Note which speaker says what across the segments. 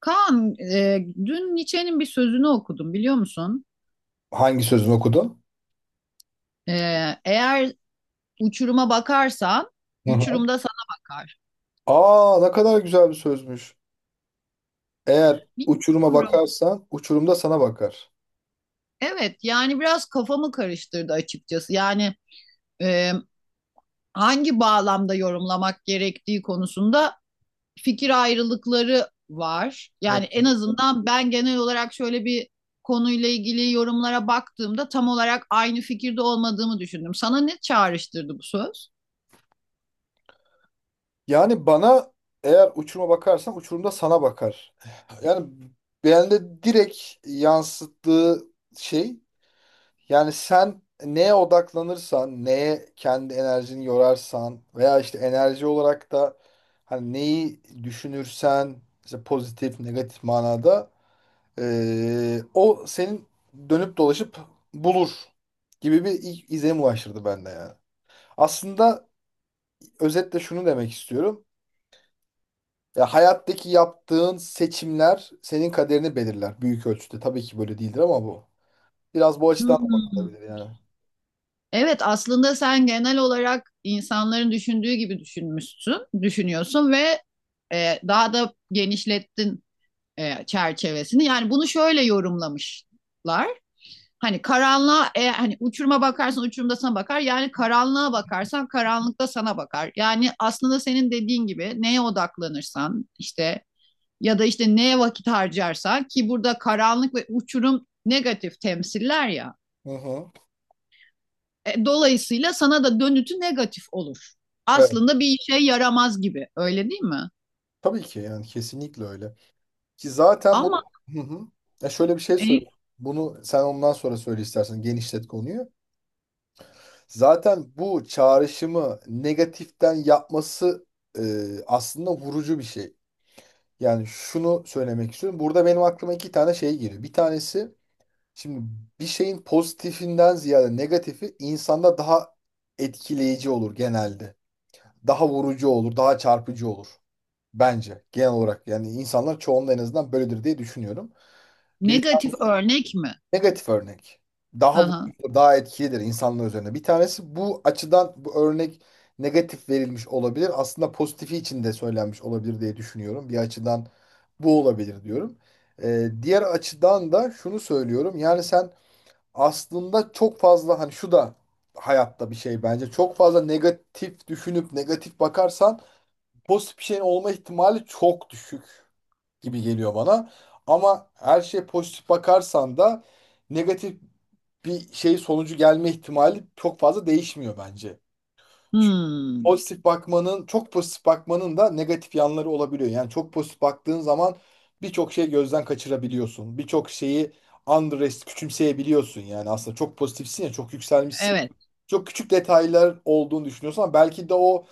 Speaker 1: Kaan, dün Nietzsche'nin bir sözünü okudum biliyor musun?
Speaker 2: Hangi sözünü okudun?
Speaker 1: E, Eğer uçuruma bakarsan,
Speaker 2: Hı hı.
Speaker 1: uçurum da sana bakar.
Speaker 2: Aa ne kadar güzel bir sözmüş. Eğer uçuruma
Speaker 1: Bilmiyorum.
Speaker 2: bakarsan uçurum da sana bakar.
Speaker 1: Evet, yani biraz kafamı karıştırdı açıkçası. Yani e, hangi bağlamda yorumlamak gerektiği konusunda fikir ayrılıkları var.
Speaker 2: Hı
Speaker 1: Yani en
Speaker 2: hı.
Speaker 1: azından ben genel olarak şöyle bir konuyla ilgili yorumlara baktığımda tam olarak aynı fikirde olmadığımı düşündüm. Sana ne çağrıştırdı bu söz?
Speaker 2: Yani bana eğer uçuruma bakarsan uçurum da sana bakar. Yani bende direkt yansıttığı şey. Yani sen neye odaklanırsan, neye kendi enerjini yorarsan veya işte enerji olarak da hani neyi düşünürsen işte pozitif, negatif manada o senin dönüp dolaşıp bulur gibi bir izlenim ulaştırdı bende yani. Aslında özetle şunu demek istiyorum. Ya hayattaki yaptığın seçimler senin kaderini belirler büyük ölçüde. Tabii ki böyle değildir ama bu. Biraz bu açıdan da
Speaker 1: Hmm.
Speaker 2: bakılabilir yani.
Speaker 1: Evet, aslında sen genel olarak insanların düşündüğü gibi düşünmüşsün, düşünüyorsun ve daha da genişlettin çerçevesini. Yani bunu şöyle yorumlamışlar. Hani karanlığa, hani uçuruma bakarsan uçurumda sana bakar. Yani karanlığa bakarsan karanlıkta sana bakar. Yani aslında senin dediğin gibi neye odaklanırsan işte ya da işte neye vakit harcarsan ki burada karanlık ve uçurum negatif temsiller ya.
Speaker 2: Hı hı.
Speaker 1: Dolayısıyla sana da dönütü negatif olur.
Speaker 2: Evet.
Speaker 1: Aslında bir işe yaramaz gibi. Öyle değil mi?
Speaker 2: Tabii ki yani kesinlikle öyle. Ki zaten bunu
Speaker 1: Ama
Speaker 2: hı hı. Ya şöyle bir şey
Speaker 1: e,
Speaker 2: söyleyeyim. Bunu sen ondan sonra söyle istersen genişlet konuyu. Zaten bu çağrışımı negatiften yapması e, aslında vurucu bir şey. Yani şunu söylemek istiyorum. Burada benim aklıma iki tane şey geliyor. Bir tanesi şimdi bir şeyin pozitifinden ziyade negatifi insanda daha etkileyici olur genelde. Daha vurucu olur, daha çarpıcı olur. Bence genel olarak yani insanlar çoğunluğu en azından böyledir diye düşünüyorum. Bir
Speaker 1: negatif örnek mi?
Speaker 2: negatif örnek. Daha
Speaker 1: Aha.
Speaker 2: vurucudur, daha etkilidir insanlar üzerine. Bir tanesi bu açıdan bu örnek negatif verilmiş olabilir. Aslında pozitifi için de söylenmiş olabilir diye düşünüyorum. Bir açıdan bu olabilir diyorum. Diğer açıdan da şunu söylüyorum. Yani sen aslında çok fazla hani şu da hayatta bir şey bence. Çok fazla negatif düşünüp negatif bakarsan pozitif bir şeyin olma ihtimali çok düşük gibi geliyor bana. Ama her şeye pozitif bakarsan da negatif bir şey sonucu gelme ihtimali çok fazla değişmiyor bence. Çünkü
Speaker 1: Hmm,
Speaker 2: pozitif bakmanın, çok pozitif bakmanın da negatif yanları olabiliyor. Yani çok pozitif baktığın zaman birçok şeyi gözden kaçırabiliyorsun. Birçok şeyi underest küçümseyebiliyorsun. Yani aslında çok pozitifsin ya, çok yükselmişsin.
Speaker 1: evet.
Speaker 2: Çok küçük detaylar olduğunu düşünüyorsun ama belki de o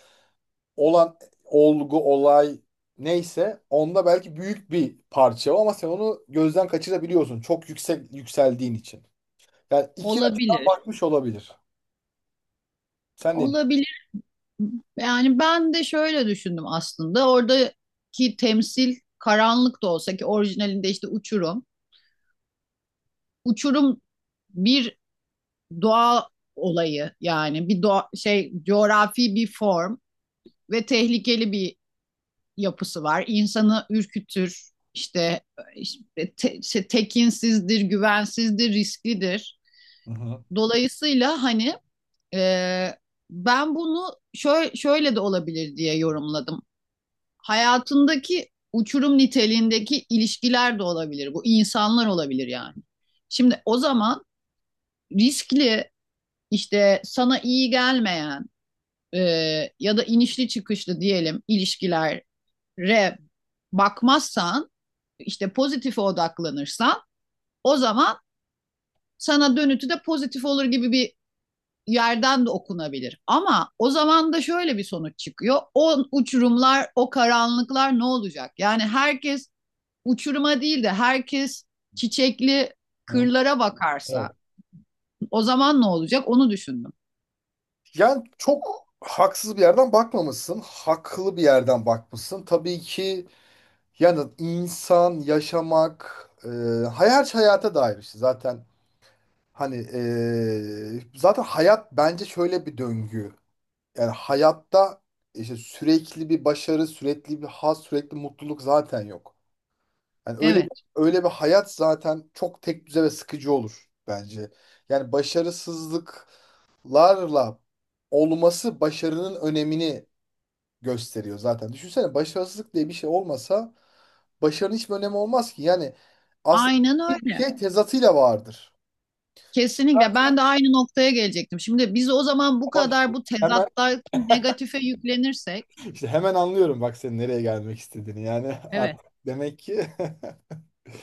Speaker 2: olan olgu, olay neyse onda belki büyük bir parça o ama sen onu gözden kaçırabiliyorsun çok yüksek yükseldiğin için. Yani iki açıdan
Speaker 1: Olabilir.
Speaker 2: bakmış olabilir. Sen ne diyorsun?
Speaker 1: Olabilir. Yani ben de şöyle düşündüm aslında. Oradaki temsil karanlık da olsa ki orijinalinde işte uçurum. Uçurum bir doğa olayı yani bir doğa, şey coğrafi bir form ve tehlikeli bir yapısı var. İnsanı ürkütür, işte, işte tekinsizdir, güvensizdir, risklidir.
Speaker 2: Hı hı.
Speaker 1: Dolayısıyla hani e, ben bunu şöyle, şöyle de olabilir diye yorumladım. Hayatındaki uçurum niteliğindeki ilişkiler de olabilir. Bu insanlar olabilir yani. Şimdi o zaman riskli işte sana iyi gelmeyen e, ya da inişli çıkışlı diyelim ilişkiler re bakmazsan işte pozitife odaklanırsan o zaman sana dönütü de pozitif olur gibi bir yerden de okunabilir. Ama o zaman da şöyle bir sonuç çıkıyor. O uçurumlar, o karanlıklar ne olacak? Yani herkes uçuruma değil de herkes çiçekli
Speaker 2: Hı.
Speaker 1: kırlara bakarsa
Speaker 2: Evet.
Speaker 1: o zaman ne olacak? Onu düşündüm.
Speaker 2: Yani çok haksız bir yerden bakmamışsın, haklı bir yerden bakmışsın. Tabii ki. Yani insan, yaşamak, hayal hayata dair işte zaten hani zaten hayat bence şöyle bir döngü. Yani hayatta işte sürekli bir başarı, sürekli bir haz, sürekli mutluluk zaten yok. Yani öyle
Speaker 1: Evet.
Speaker 2: öyle bir hayat zaten çok tek düze ve sıkıcı olur bence. Yani başarısızlıklarla olması başarının önemini gösteriyor zaten. Düşünsene başarısızlık diye bir şey olmasa başarının hiçbir önemi olmaz ki. Yani aslında
Speaker 1: Aynen
Speaker 2: bir
Speaker 1: öyle.
Speaker 2: şey tezatıyla vardır.
Speaker 1: Kesinlikle ben de aynı noktaya gelecektim. Şimdi biz o zaman bu
Speaker 2: Ama işte
Speaker 1: kadar bu
Speaker 2: hemen
Speaker 1: tezattaki negatife yüklenirsek.
Speaker 2: hemen anlıyorum bak senin nereye gelmek istediğini. Yani
Speaker 1: Evet.
Speaker 2: artık demek ki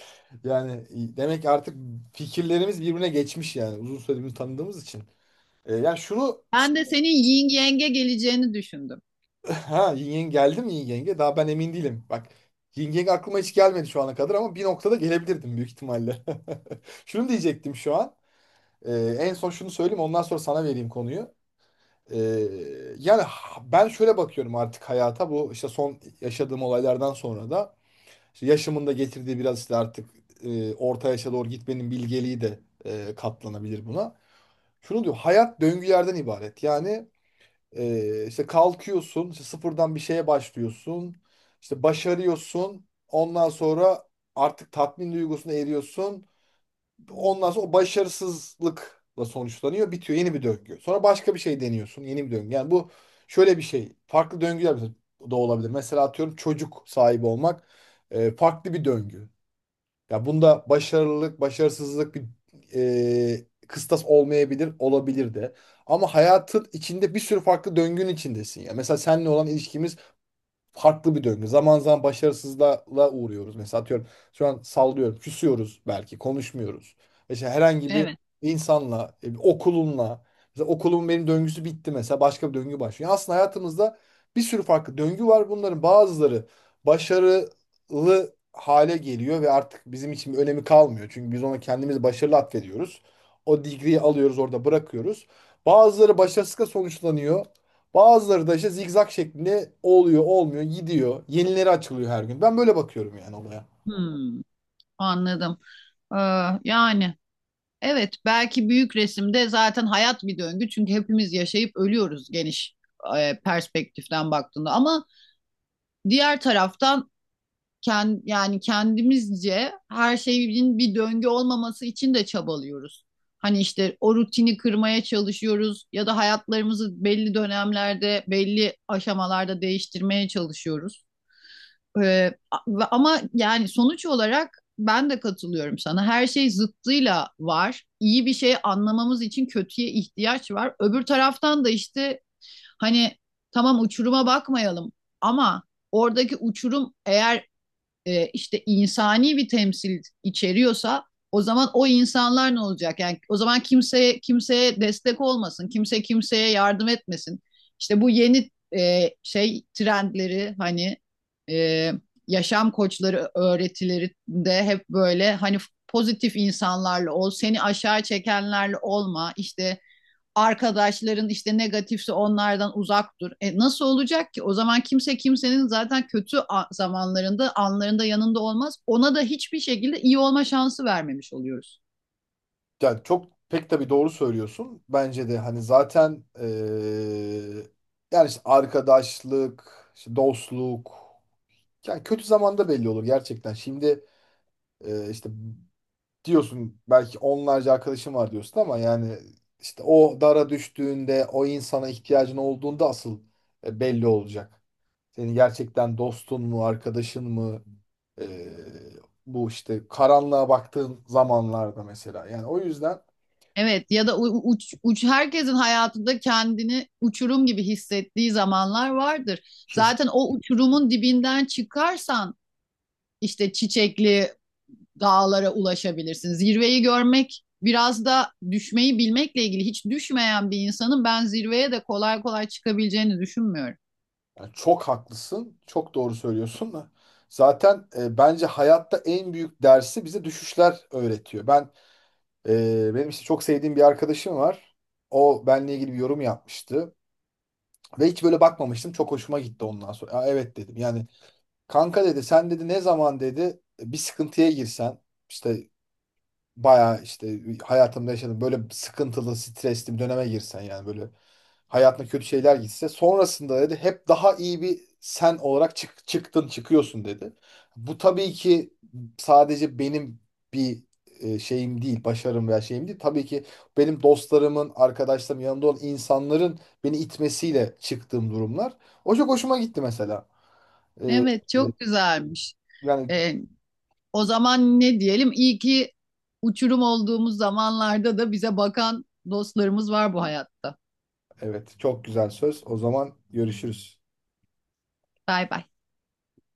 Speaker 2: yani demek ki artık fikirlerimiz birbirine geçmiş yani uzun süredir birbirini tanıdığımız için. Yani şunu
Speaker 1: Ben de senin yin yenge geleceğini düşündüm.
Speaker 2: ha yin yang geldi mi yin yenge? Daha ben emin değilim. Bak yin yang aklıma hiç gelmedi şu ana kadar ama bir noktada gelebilirdim büyük ihtimalle. Şunu diyecektim şu an. Ee, En son şunu söyleyeyim ondan sonra sana vereyim konuyu. Ee, Yani ben şöyle bakıyorum artık hayata bu işte son yaşadığım olaylardan sonra da işte yaşımın da getirdiği biraz işte artık orta yaşa doğru gitmenin bilgeliği de katlanabilir buna. Şunu diyor hayat döngülerden ibaret. Yani işte kalkıyorsun işte sıfırdan bir şeye başlıyorsun işte başarıyorsun ondan sonra artık tatmin duygusuna eriyorsun. Ondan sonra o başarısızlıkla sonuçlanıyor. Bitiyor. Yeni bir döngü. Sonra başka bir şey deniyorsun. Yeni bir döngü. Yani bu şöyle bir şey. Farklı döngüler mesela da olabilir. Mesela atıyorum çocuk sahibi olmak farklı bir döngü. Ya bunda başarılılık, başarısızlık bir kıstas olmayabilir, olabilir de. Ama hayatın içinde bir sürü farklı döngünün içindesin ya. Mesela seninle olan ilişkimiz farklı bir döngü. Zaman zaman başarısızlığa uğruyoruz. Mesela atıyorum şu an sallıyorum. Küsüyoruz belki konuşmuyoruz. İşte herhangi bir
Speaker 1: Evet.
Speaker 2: insanla, bir okulunla. Mesela okulumun benim döngüsü bitti mesela başka bir döngü başlıyor. Yani aslında hayatımızda bir sürü farklı döngü var. Bunların bazıları başarılı hale geliyor ve artık bizim için bir önemi kalmıyor. Çünkü biz ona kendimizi başarılı atfediyoruz. O degree'yi alıyoruz orada bırakıyoruz. Bazıları başarısızlıkla sonuçlanıyor. Bazıları da işte zigzag şeklinde oluyor, olmuyor, gidiyor. Yenileri açılıyor her gün. Ben böyle bakıyorum yani olaya.
Speaker 1: Hmm, anladım. Ee, yani evet belki büyük resimde zaten hayat bir döngü. Çünkü hepimiz yaşayıp ölüyoruz geniş perspektiften baktığında. Ama diğer taraftan yani kendimizce her şeyin bir döngü olmaması için de çabalıyoruz. Hani işte o rutini kırmaya çalışıyoruz ya da hayatlarımızı belli dönemlerde, belli aşamalarda değiştirmeye çalışıyoruz. Ee, ama yani sonuç olarak ben de katılıyorum sana. Her şey zıttıyla var. İyi bir şey anlamamız için kötüye ihtiyaç var. Öbür taraftan da işte hani tamam uçuruma bakmayalım ama oradaki uçurum eğer işte insani bir temsil içeriyorsa o zaman o insanlar ne olacak? Yani o zaman kimseye destek olmasın, kimse kimseye yardım etmesin. İşte bu yeni şey trendleri hani e, yaşam koçları öğretilerinde hep böyle hani pozitif insanlarla ol, seni aşağı çekenlerle olma, işte arkadaşların işte negatifse onlardan uzak dur. E nasıl olacak ki? O zaman kimse kimsenin zaten kötü zamanlarında, anlarında yanında olmaz. Ona da hiçbir şekilde iyi olma şansı vermemiş oluyoruz.
Speaker 2: Yani çok pek tabii doğru söylüyorsun. Bence de hani zaten yani işte arkadaşlık, işte dostluk. Yani kötü zamanda belli olur gerçekten. Şimdi işte diyorsun belki onlarca arkadaşım var diyorsun ama yani işte o dara düştüğünde o insana ihtiyacın olduğunda asıl belli olacak. Senin gerçekten dostun mu, arkadaşın mı? E, Bu işte karanlığa baktığın zamanlarda mesela. Yani o yüzden
Speaker 1: Evet ya da uç herkesin hayatında kendini uçurum gibi hissettiği zamanlar vardır.
Speaker 2: kesin.
Speaker 1: Zaten o uçurumun dibinden çıkarsan işte çiçekli dağlara ulaşabilirsin. Zirveyi görmek biraz da düşmeyi bilmekle ilgili. Hiç düşmeyen bir insanın ben zirveye de kolay kolay çıkabileceğini düşünmüyorum.
Speaker 2: Yani çok haklısın, çok doğru söylüyorsun da. Zaten bence hayatta en büyük dersi bize düşüşler öğretiyor. Ben benim işte çok sevdiğim bir arkadaşım var. O benle ilgili bir yorum yapmıştı ve hiç böyle bakmamıştım. Çok hoşuma gitti ondan sonra. "Aa, evet dedim. Yani kanka dedi sen dedi ne zaman dedi bir sıkıntıya girsen işte bayağı işte hayatımda yaşadım. Böyle sıkıntılı, stresli bir döneme girsen yani böyle hayatına kötü şeyler gitse sonrasında dedi hep daha iyi bir sen olarak çık, çıktın, çıkıyorsun dedi. Bu tabii ki sadece benim bir şeyim değil, başarım veya şeyim değil. Tabii ki benim dostlarımın, arkadaşlarımın yanında olan insanların beni itmesiyle çıktığım durumlar. O çok hoşuma gitti mesela. E,
Speaker 1: Evet
Speaker 2: e,
Speaker 1: çok güzelmiş.
Speaker 2: yani
Speaker 1: Ee, o zaman ne diyelim? İyi ki uçurum olduğumuz zamanlarda da bize bakan dostlarımız var bu hayatta.
Speaker 2: evet çok güzel söz. O zaman görüşürüz.
Speaker 1: Bay bay.